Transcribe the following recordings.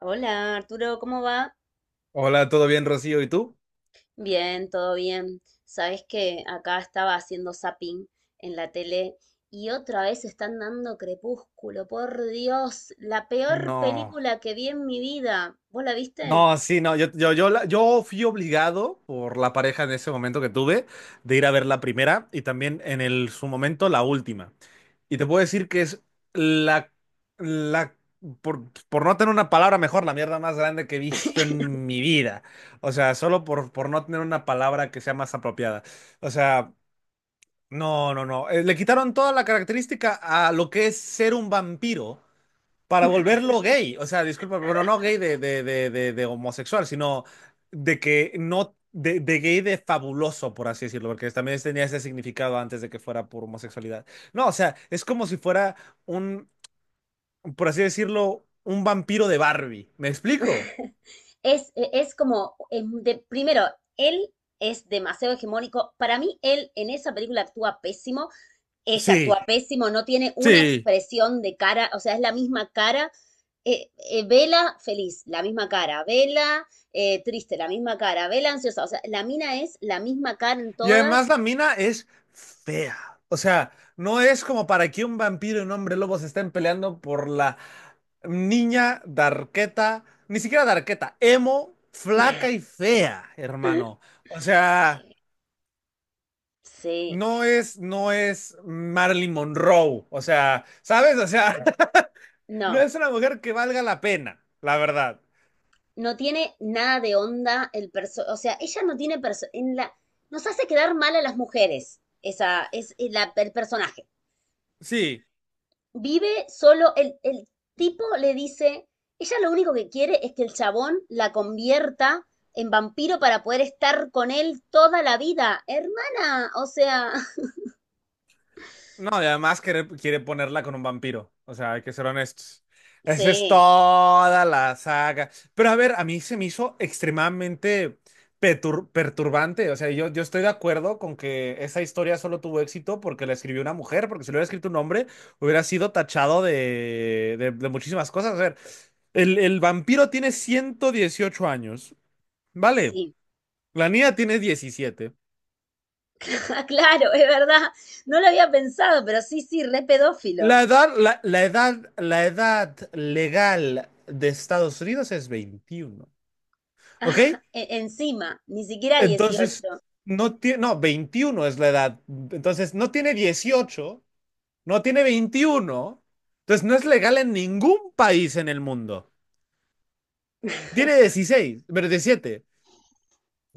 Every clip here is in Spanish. Hola Arturo, ¿cómo va? Hola, ¿todo bien, Rocío? ¿Y tú? Bien, todo bien. Sabes que acá estaba haciendo zapping en la tele y otra vez están dando Crepúsculo. Por Dios, la peor No, película que vi en mi vida. ¿Vos la viste? no, sí, no, yo fui obligado por la pareja en ese momento que tuve de ir a ver la primera y también en el, su momento la última. Y te puedo decir que es la, la, por no tener una palabra mejor, la mierda más grande que he visto en mi vida. O sea, solo por no tener una palabra que sea más apropiada. O sea, no, no, no. Le quitaron toda la característica a lo que es ser un vampiro. Para volverlo gay. O sea, disculpa, pero no gay de homosexual, sino de que no. De gay de fabuloso, por así decirlo, porque también tenía ese significado antes de que fuera por homosexualidad. No, o sea, es como si fuera un, por así decirlo, un vampiro de Barbie. ¿Me explico? Es como, primero, él es demasiado hegemónico. Para mí, él en esa película actúa pésimo. Ella actúa Sí, pésimo, no tiene una sí. expresión de cara, o sea, es la misma cara. Vela feliz, la misma cara. Vela triste, la misma cara. Vela ansiosa, o sea, la mina es la misma cara en Y además todas. la mina es fea. O sea, no es como para que un vampiro y un hombre lobo se estén peleando por la niña darketa ni siquiera darketa emo, flaca y fea, hermano. O sea, Eh, Sí, no es Marilyn Monroe. O sea, ¿sabes? O sea, no no, es una mujer que valga la pena, la verdad. no tiene nada de onda el perso, o sea, ella no tiene perso en la nos hace quedar mal a las mujeres, esa es el personaje. Sí. Vive solo, el tipo le dice, ella lo único que quiere es que el chabón la convierta en vampiro para poder estar con él toda la vida. Hermana, o sea, No, y además quiere ponerla con un vampiro. O sea, hay que ser honestos. Esa es sí, toda la saga. Pero a ver, a mí se me hizo extremadamente perturbante. O sea, yo estoy de acuerdo con que esa historia solo tuvo éxito porque la escribió una mujer, porque si lo hubiera escrito un hombre, hubiera sido tachado de muchísimas cosas. A ver, el vampiro tiene 118 años. Vale, sí. la niña tiene 17. Ah, claro, es verdad. No lo había pensado, pero sí, sí, re pedófilo. La edad legal de Estados Unidos es 21, ¿ok? Encima, ni siquiera Entonces, 18. no tiene, no, 21 es la edad. Entonces, no tiene 18, no tiene 21, entonces no es legal en ningún país en el mundo. ¿Tiene 16, pero 17?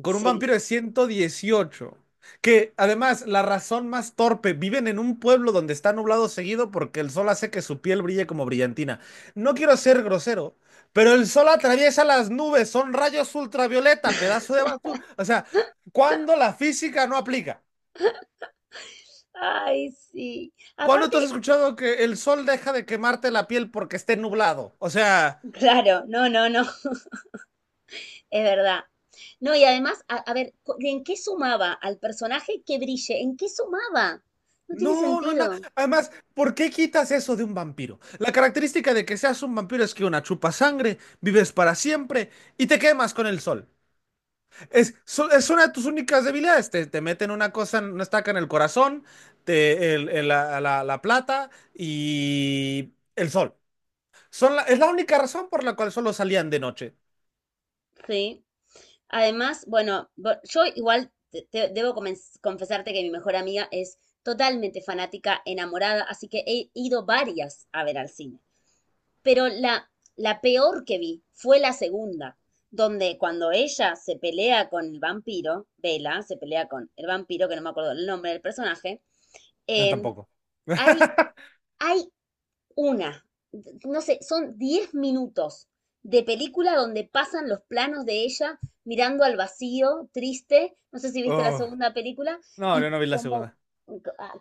Con un Sí. vampiro de 118, que además, la razón más torpe, viven en un pueblo donde está nublado seguido porque el sol hace que su piel brille como brillantina. No quiero ser grosero, pero el sol atraviesa las nubes, son rayos ultravioleta, pedazo de basura. O sea, ¿cuándo la física no aplica? Ay, sí. ¿Cuándo tú has Aparte, escuchado que el sol deja de quemarte la piel porque esté nublado? O sea, claro, no, no, no. Es verdad. No, y además, a ver, ¿en qué sumaba al personaje que brille? ¿En qué sumaba? No tiene no, no, no. sentido. Además, ¿por qué quitas eso de un vampiro? La característica de que seas un vampiro es que una chupa sangre, vives para siempre y te quemas con el sol. Es una de tus únicas debilidades. Te meten una cosa, una estaca en el corazón, te, el- la- la plata y el sol. Es la única razón por la cual solo salían de noche. Sí. Además, bueno, yo igual debo confesarte que mi mejor amiga es totalmente fanática, enamorada, así que he ido varias a ver al cine. Pero la peor que vi fue la segunda, donde cuando ella se pelea con el vampiro, Bella se pelea con el vampiro, que no me acuerdo el nombre del personaje. Em, Tampoco. hay, hay una, no sé, son 10 minutos de película donde pasan los planos de ella mirando al vacío, triste, no sé si viste la Oh, segunda película, no, yo y no vi la como, segunda.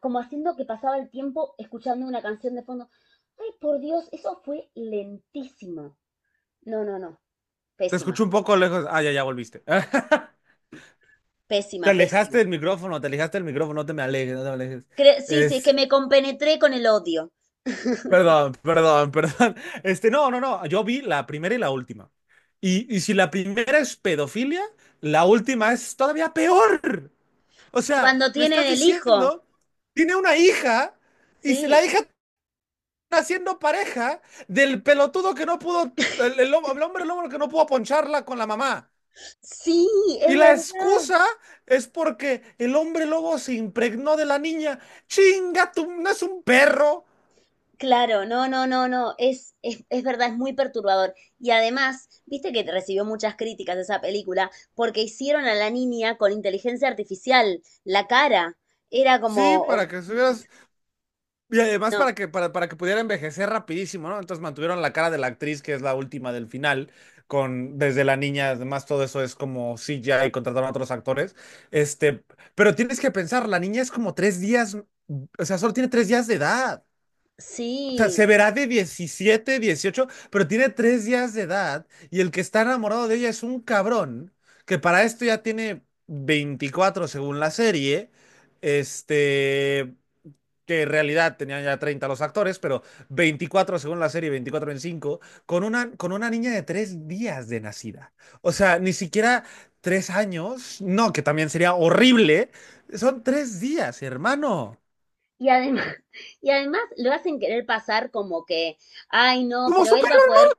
como haciendo que pasaba el tiempo escuchando una canción de fondo. Ay, por Dios, eso fue lentísimo. No, no, no, Te escuché pésima, un poco lejos. Ah, ya, ya volviste. Te pésima, pésima. alejaste del micrófono, te alejaste del micrófono, no te me alejes, no te me alejes. Sí, sí, es que Es, me compenetré con el odio. Perdón, perdón, perdón. Este, no, no, no, yo vi la primera y la última. Y si la primera es pedofilia, la última es todavía peor. O sea, Cuando me tienen estás el hijo, diciendo, tiene una hija y la sí, hija está siendo pareja del pelotudo que no pudo, el hombre lobo que no pudo poncharla con la mamá. sí, Y es la verdad. excusa es porque el hombre lobo se impregnó de la niña. ¡Chinga, tú no es un perro! Claro, no, no, no, no, es verdad, es muy perturbador. Y además, viste que recibió muchas críticas esa película porque hicieron a la niña con inteligencia artificial, la cara. Era Sí, como, para que estuvieras. Y además no, para que pudiera envejecer rapidísimo, ¿no? Entonces mantuvieron la cara de la actriz, que es la última del final, con desde la niña, además todo eso es como CGI y contrataron a otros actores. Este, pero tienes que pensar, la niña es como 3 días, o sea, solo tiene 3 días de edad. O sea, sí. se verá de 17, 18, pero tiene 3 días de edad y el que está enamorado de ella es un cabrón que para esto ya tiene 24 según la serie, este, que en realidad tenían ya 30 los actores, pero 24 según la serie, 24, 25, con una niña de 3 días de nacida. O sea, ni siquiera 3 años, no, que también sería horrible, son 3 días, hermano. Y además, y además lo hacen querer pasar como que, ay, no, ¿Cómo pero son? él va a poder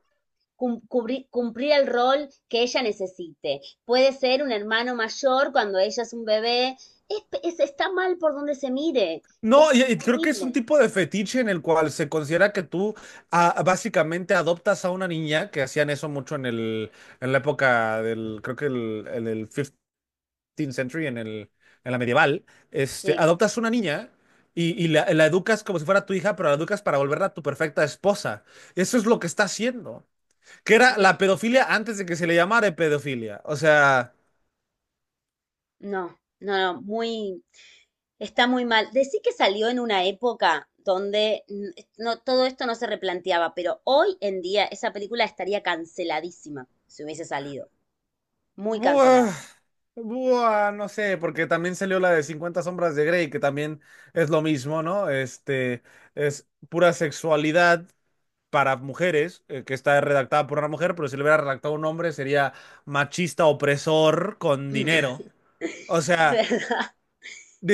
cumplir el rol que ella necesite. Puede ser un hermano mayor cuando ella es un bebé. Está mal por donde se mire. No, Es y creo que es un horrible. tipo de fetiche en el cual se considera que tú ah, básicamente adoptas a una niña, que hacían eso mucho en el, en la época del, creo que el, en el fifteenth century, en el, en la medieval, este, Sí. adoptas una niña y la educas como si fuera tu hija, pero la educas para volverla tu perfecta esposa. Eso es lo que está haciendo, que era la Claro. pedofilia antes de que se le llamara pedofilia. O sea... No, no, no, está muy mal. Decí que salió en una época donde no, todo esto no se replanteaba, pero hoy en día esa película estaría canceladísima si hubiese salido. Muy Buah, cancelada. buah, no sé, porque también salió la de 50 sombras de Grey, que también es lo mismo, ¿no? Este, es pura sexualidad para mujeres, que está redactada por una mujer, pero si lo hubiera redactado un hombre sería machista opresor con dinero. O Es sea, verdad,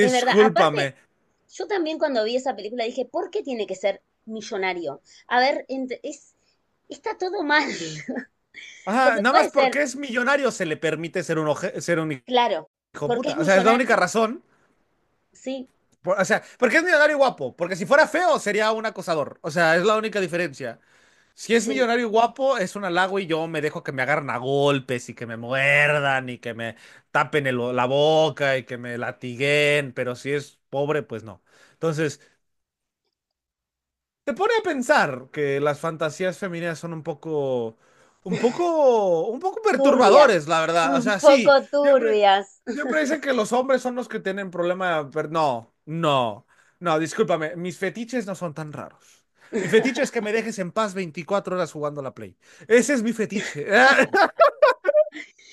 es verdad. Aparte, yo también cuando vi esa película dije, ¿por qué tiene que ser millonario? A ver, está todo mal. Ajá, Porque nada puede más ser, porque es millonario se le permite ser un claro, hijo porque puta. es O sea, es la única millonario. razón. Sí, O sea, porque es millonario y guapo, porque si fuera feo sería un acosador. O sea, es la única diferencia. Si es sí. millonario y guapo, es un halago y yo me dejo que me agarren a golpes y que me muerdan y que me tapen el- la boca y que me latiguen, pero si es pobre, pues no. Entonces, te pone a pensar que las fantasías femeninas son un poco, un poco, un poco Turbias, perturbadores, la verdad. O un sea, sí, poco siempre, turbias. siempre dicen que los hombres son los que tienen problema, pero no, no, no, discúlpame, mis fetiches no son tan raros. Mi fetiche es que me dejes en paz 24 horas jugando a la Play. Ese es mi fetiche.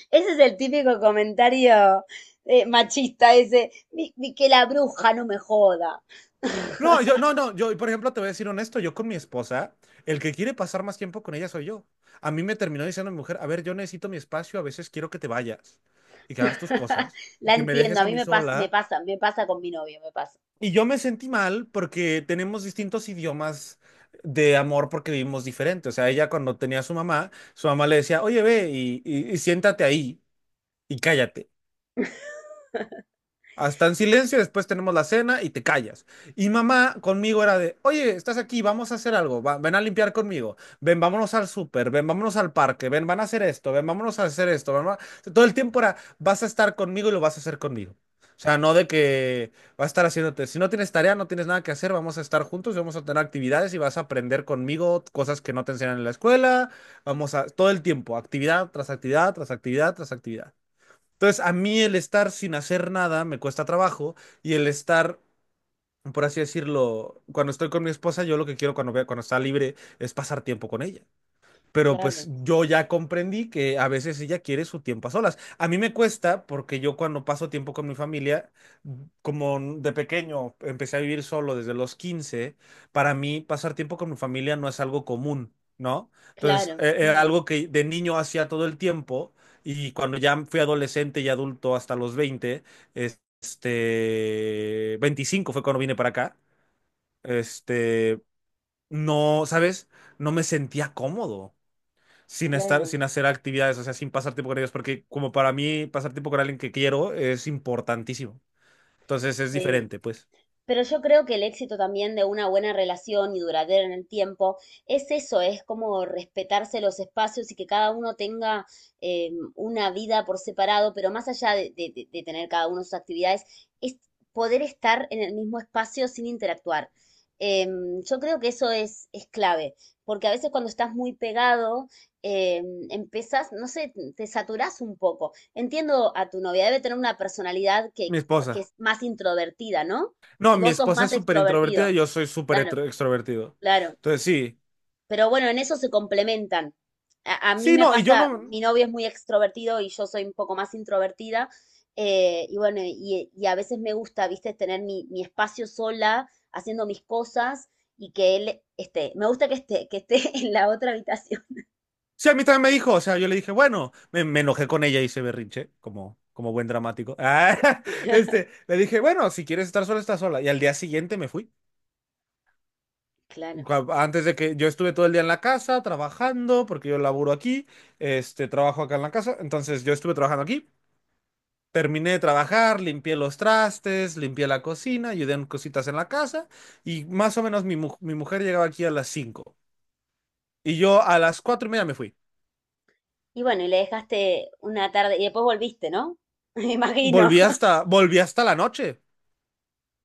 Ese es el típico comentario machista, ese, "Ni que la bruja no me joda." No, yo, no, no, yo, por ejemplo, te voy a decir honesto, yo con mi esposa, el que quiere pasar más tiempo con ella soy yo. A mí me terminó diciendo mi mujer, a ver, yo necesito mi espacio, a veces quiero que te vayas y que hagas tus cosas, y La que me entiendo, dejes a a mí mí me pasa, me sola. pasa, me pasa con mi novio, me pasa. Y yo me sentí mal porque tenemos distintos idiomas de amor porque vivimos diferente. O sea, ella cuando tenía a su mamá le decía, oye, ve y siéntate ahí y cállate. Hasta en silencio, después tenemos la cena y te callas. Y mamá conmigo era de, oye, estás aquí, vamos a hacer algo, ven a limpiar conmigo, ven, vámonos al súper, ven, vámonos al parque, ven, van a hacer esto, ven, vámonos a hacer esto, mamá. Todo el tiempo era, vas a estar conmigo y lo vas a hacer conmigo. O sea, no de que vas a estar haciéndote, si no tienes tarea, no tienes nada que hacer, vamos a estar juntos y vamos a tener actividades y vas a aprender conmigo cosas que no te enseñan en la escuela, vamos a, todo el tiempo, actividad tras actividad, tras actividad, tras actividad. Entonces, a mí el estar sin hacer nada me cuesta trabajo y el estar, por así decirlo, cuando estoy con mi esposa, yo lo que quiero cuando, cuando está libre es pasar tiempo con ella. Pero Claro, pues yo ya comprendí que a veces ella quiere su tiempo a solas. A mí me cuesta porque yo cuando paso tiempo con mi familia, como de pequeño empecé a vivir solo desde los 15. Para mí pasar tiempo con mi familia no es algo común, ¿no? Entonces, claro, era mm, algo que de niño hacía todo el tiempo y cuando ya fui adolescente y adulto hasta los 20, este, 25 fue cuando vine para acá, este, no, ¿sabes? No me sentía cómodo sin estar, claro, sin hacer actividades, o sea, sin pasar tiempo con ellos, porque como para mí pasar tiempo con alguien que quiero es importantísimo. Entonces es sí. diferente, pues. Pero yo creo que el éxito también de una buena relación y duradera en el tiempo es eso, es como respetarse los espacios y que cada uno tenga una vida por separado, pero más allá de, de tener cada uno sus actividades, es poder estar en el mismo espacio sin interactuar. Yo creo que eso es clave, porque a veces cuando estás muy pegado, empezás, no sé, te saturás un poco. Entiendo a tu novia, debe tener una personalidad que, Mi que esposa. es más introvertida, ¿no? No, Y mi vos sos esposa más es súper introvertida extrovertido, y yo soy súper claro, extrovertido. claro. Entonces sí. Pero bueno, en eso se complementan. A mí Sí, me no, y yo pasa, no. mi novio es muy extrovertido y yo soy un poco más introvertida. Y bueno, y a veces me gusta, viste, tener mi espacio sola, haciendo mis cosas y que él esté. Me gusta que esté en la otra habitación. Sí, a mí también me dijo, o sea, yo le dije, bueno, me enojé con ella y se berrinche, como, como buen dramático. Ah, este, le dije, bueno, si quieres estar sola, está sola. Y al día siguiente me fui. Claro. Antes de que yo estuve todo el día en la casa trabajando, porque yo laburo aquí, este, trabajo acá en la casa, entonces yo estuve trabajando aquí, terminé de trabajar, limpié los trastes, limpié la cocina, ayudé en cositas en la casa y más o menos mi mujer llegaba aquí a las 5 y yo a las 4:30 me fui. Y bueno, y le dejaste una tarde y después volviste, ¿no? Me imagino. Volví hasta la noche,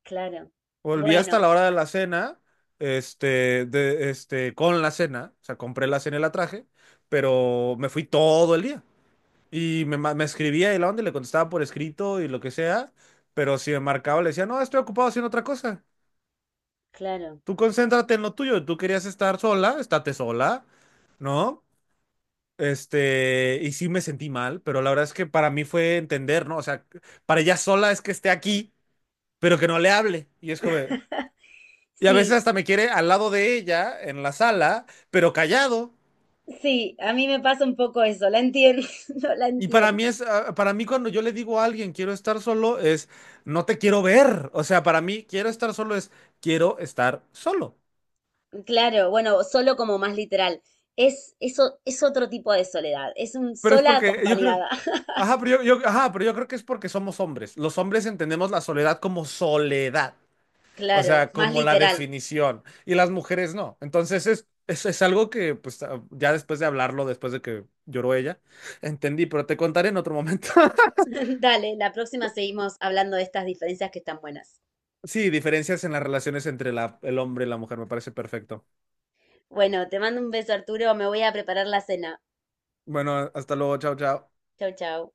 Claro. volví hasta Bueno, la hora de la cena, este, de, este, con la cena, o sea, compré la cena y la traje, pero me fui todo el día. Y me escribía y la onda y le contestaba por escrito y lo que sea, pero si me marcaba le decía, no, estoy ocupado haciendo otra cosa. claro. Tú concéntrate en lo tuyo, tú querías estar sola, estate sola, ¿no? Este, y sí me sentí mal, pero la verdad es que para mí fue entender, ¿no? O sea, para ella sola es que esté aquí, pero que no le hable. Y es como, de- y a veces Sí, hasta me quiere al lado de ella, en la sala, pero callado. sí, a mí me pasa un poco eso, la entiendo, no la Y para mí entiendo. es, ah, para mí cuando yo le digo a alguien quiero estar solo es no te quiero ver. O sea, para mí quiero estar solo es quiero estar solo. Claro, bueno, solo como más literal. Eso, es otro tipo de soledad, es un Pero es sola porque yo creo, acompañada. ajá, pero ajá, pero yo creo que es porque somos hombres. Los hombres entendemos la soledad como soledad, o Claro, sea, más como la literal. definición. Y las mujeres no. Entonces es algo que pues ah, ya después de hablarlo, después de que lloró ella, entendí, pero te contaré en otro momento. Dale, la próxima seguimos hablando de estas diferencias que están buenas. Sí, diferencias en las relaciones entre la, el hombre y la mujer, me parece perfecto. Bueno, te mando un beso, Arturo, me voy a preparar la cena. Bueno, hasta luego, chao, chao. Chau, chau.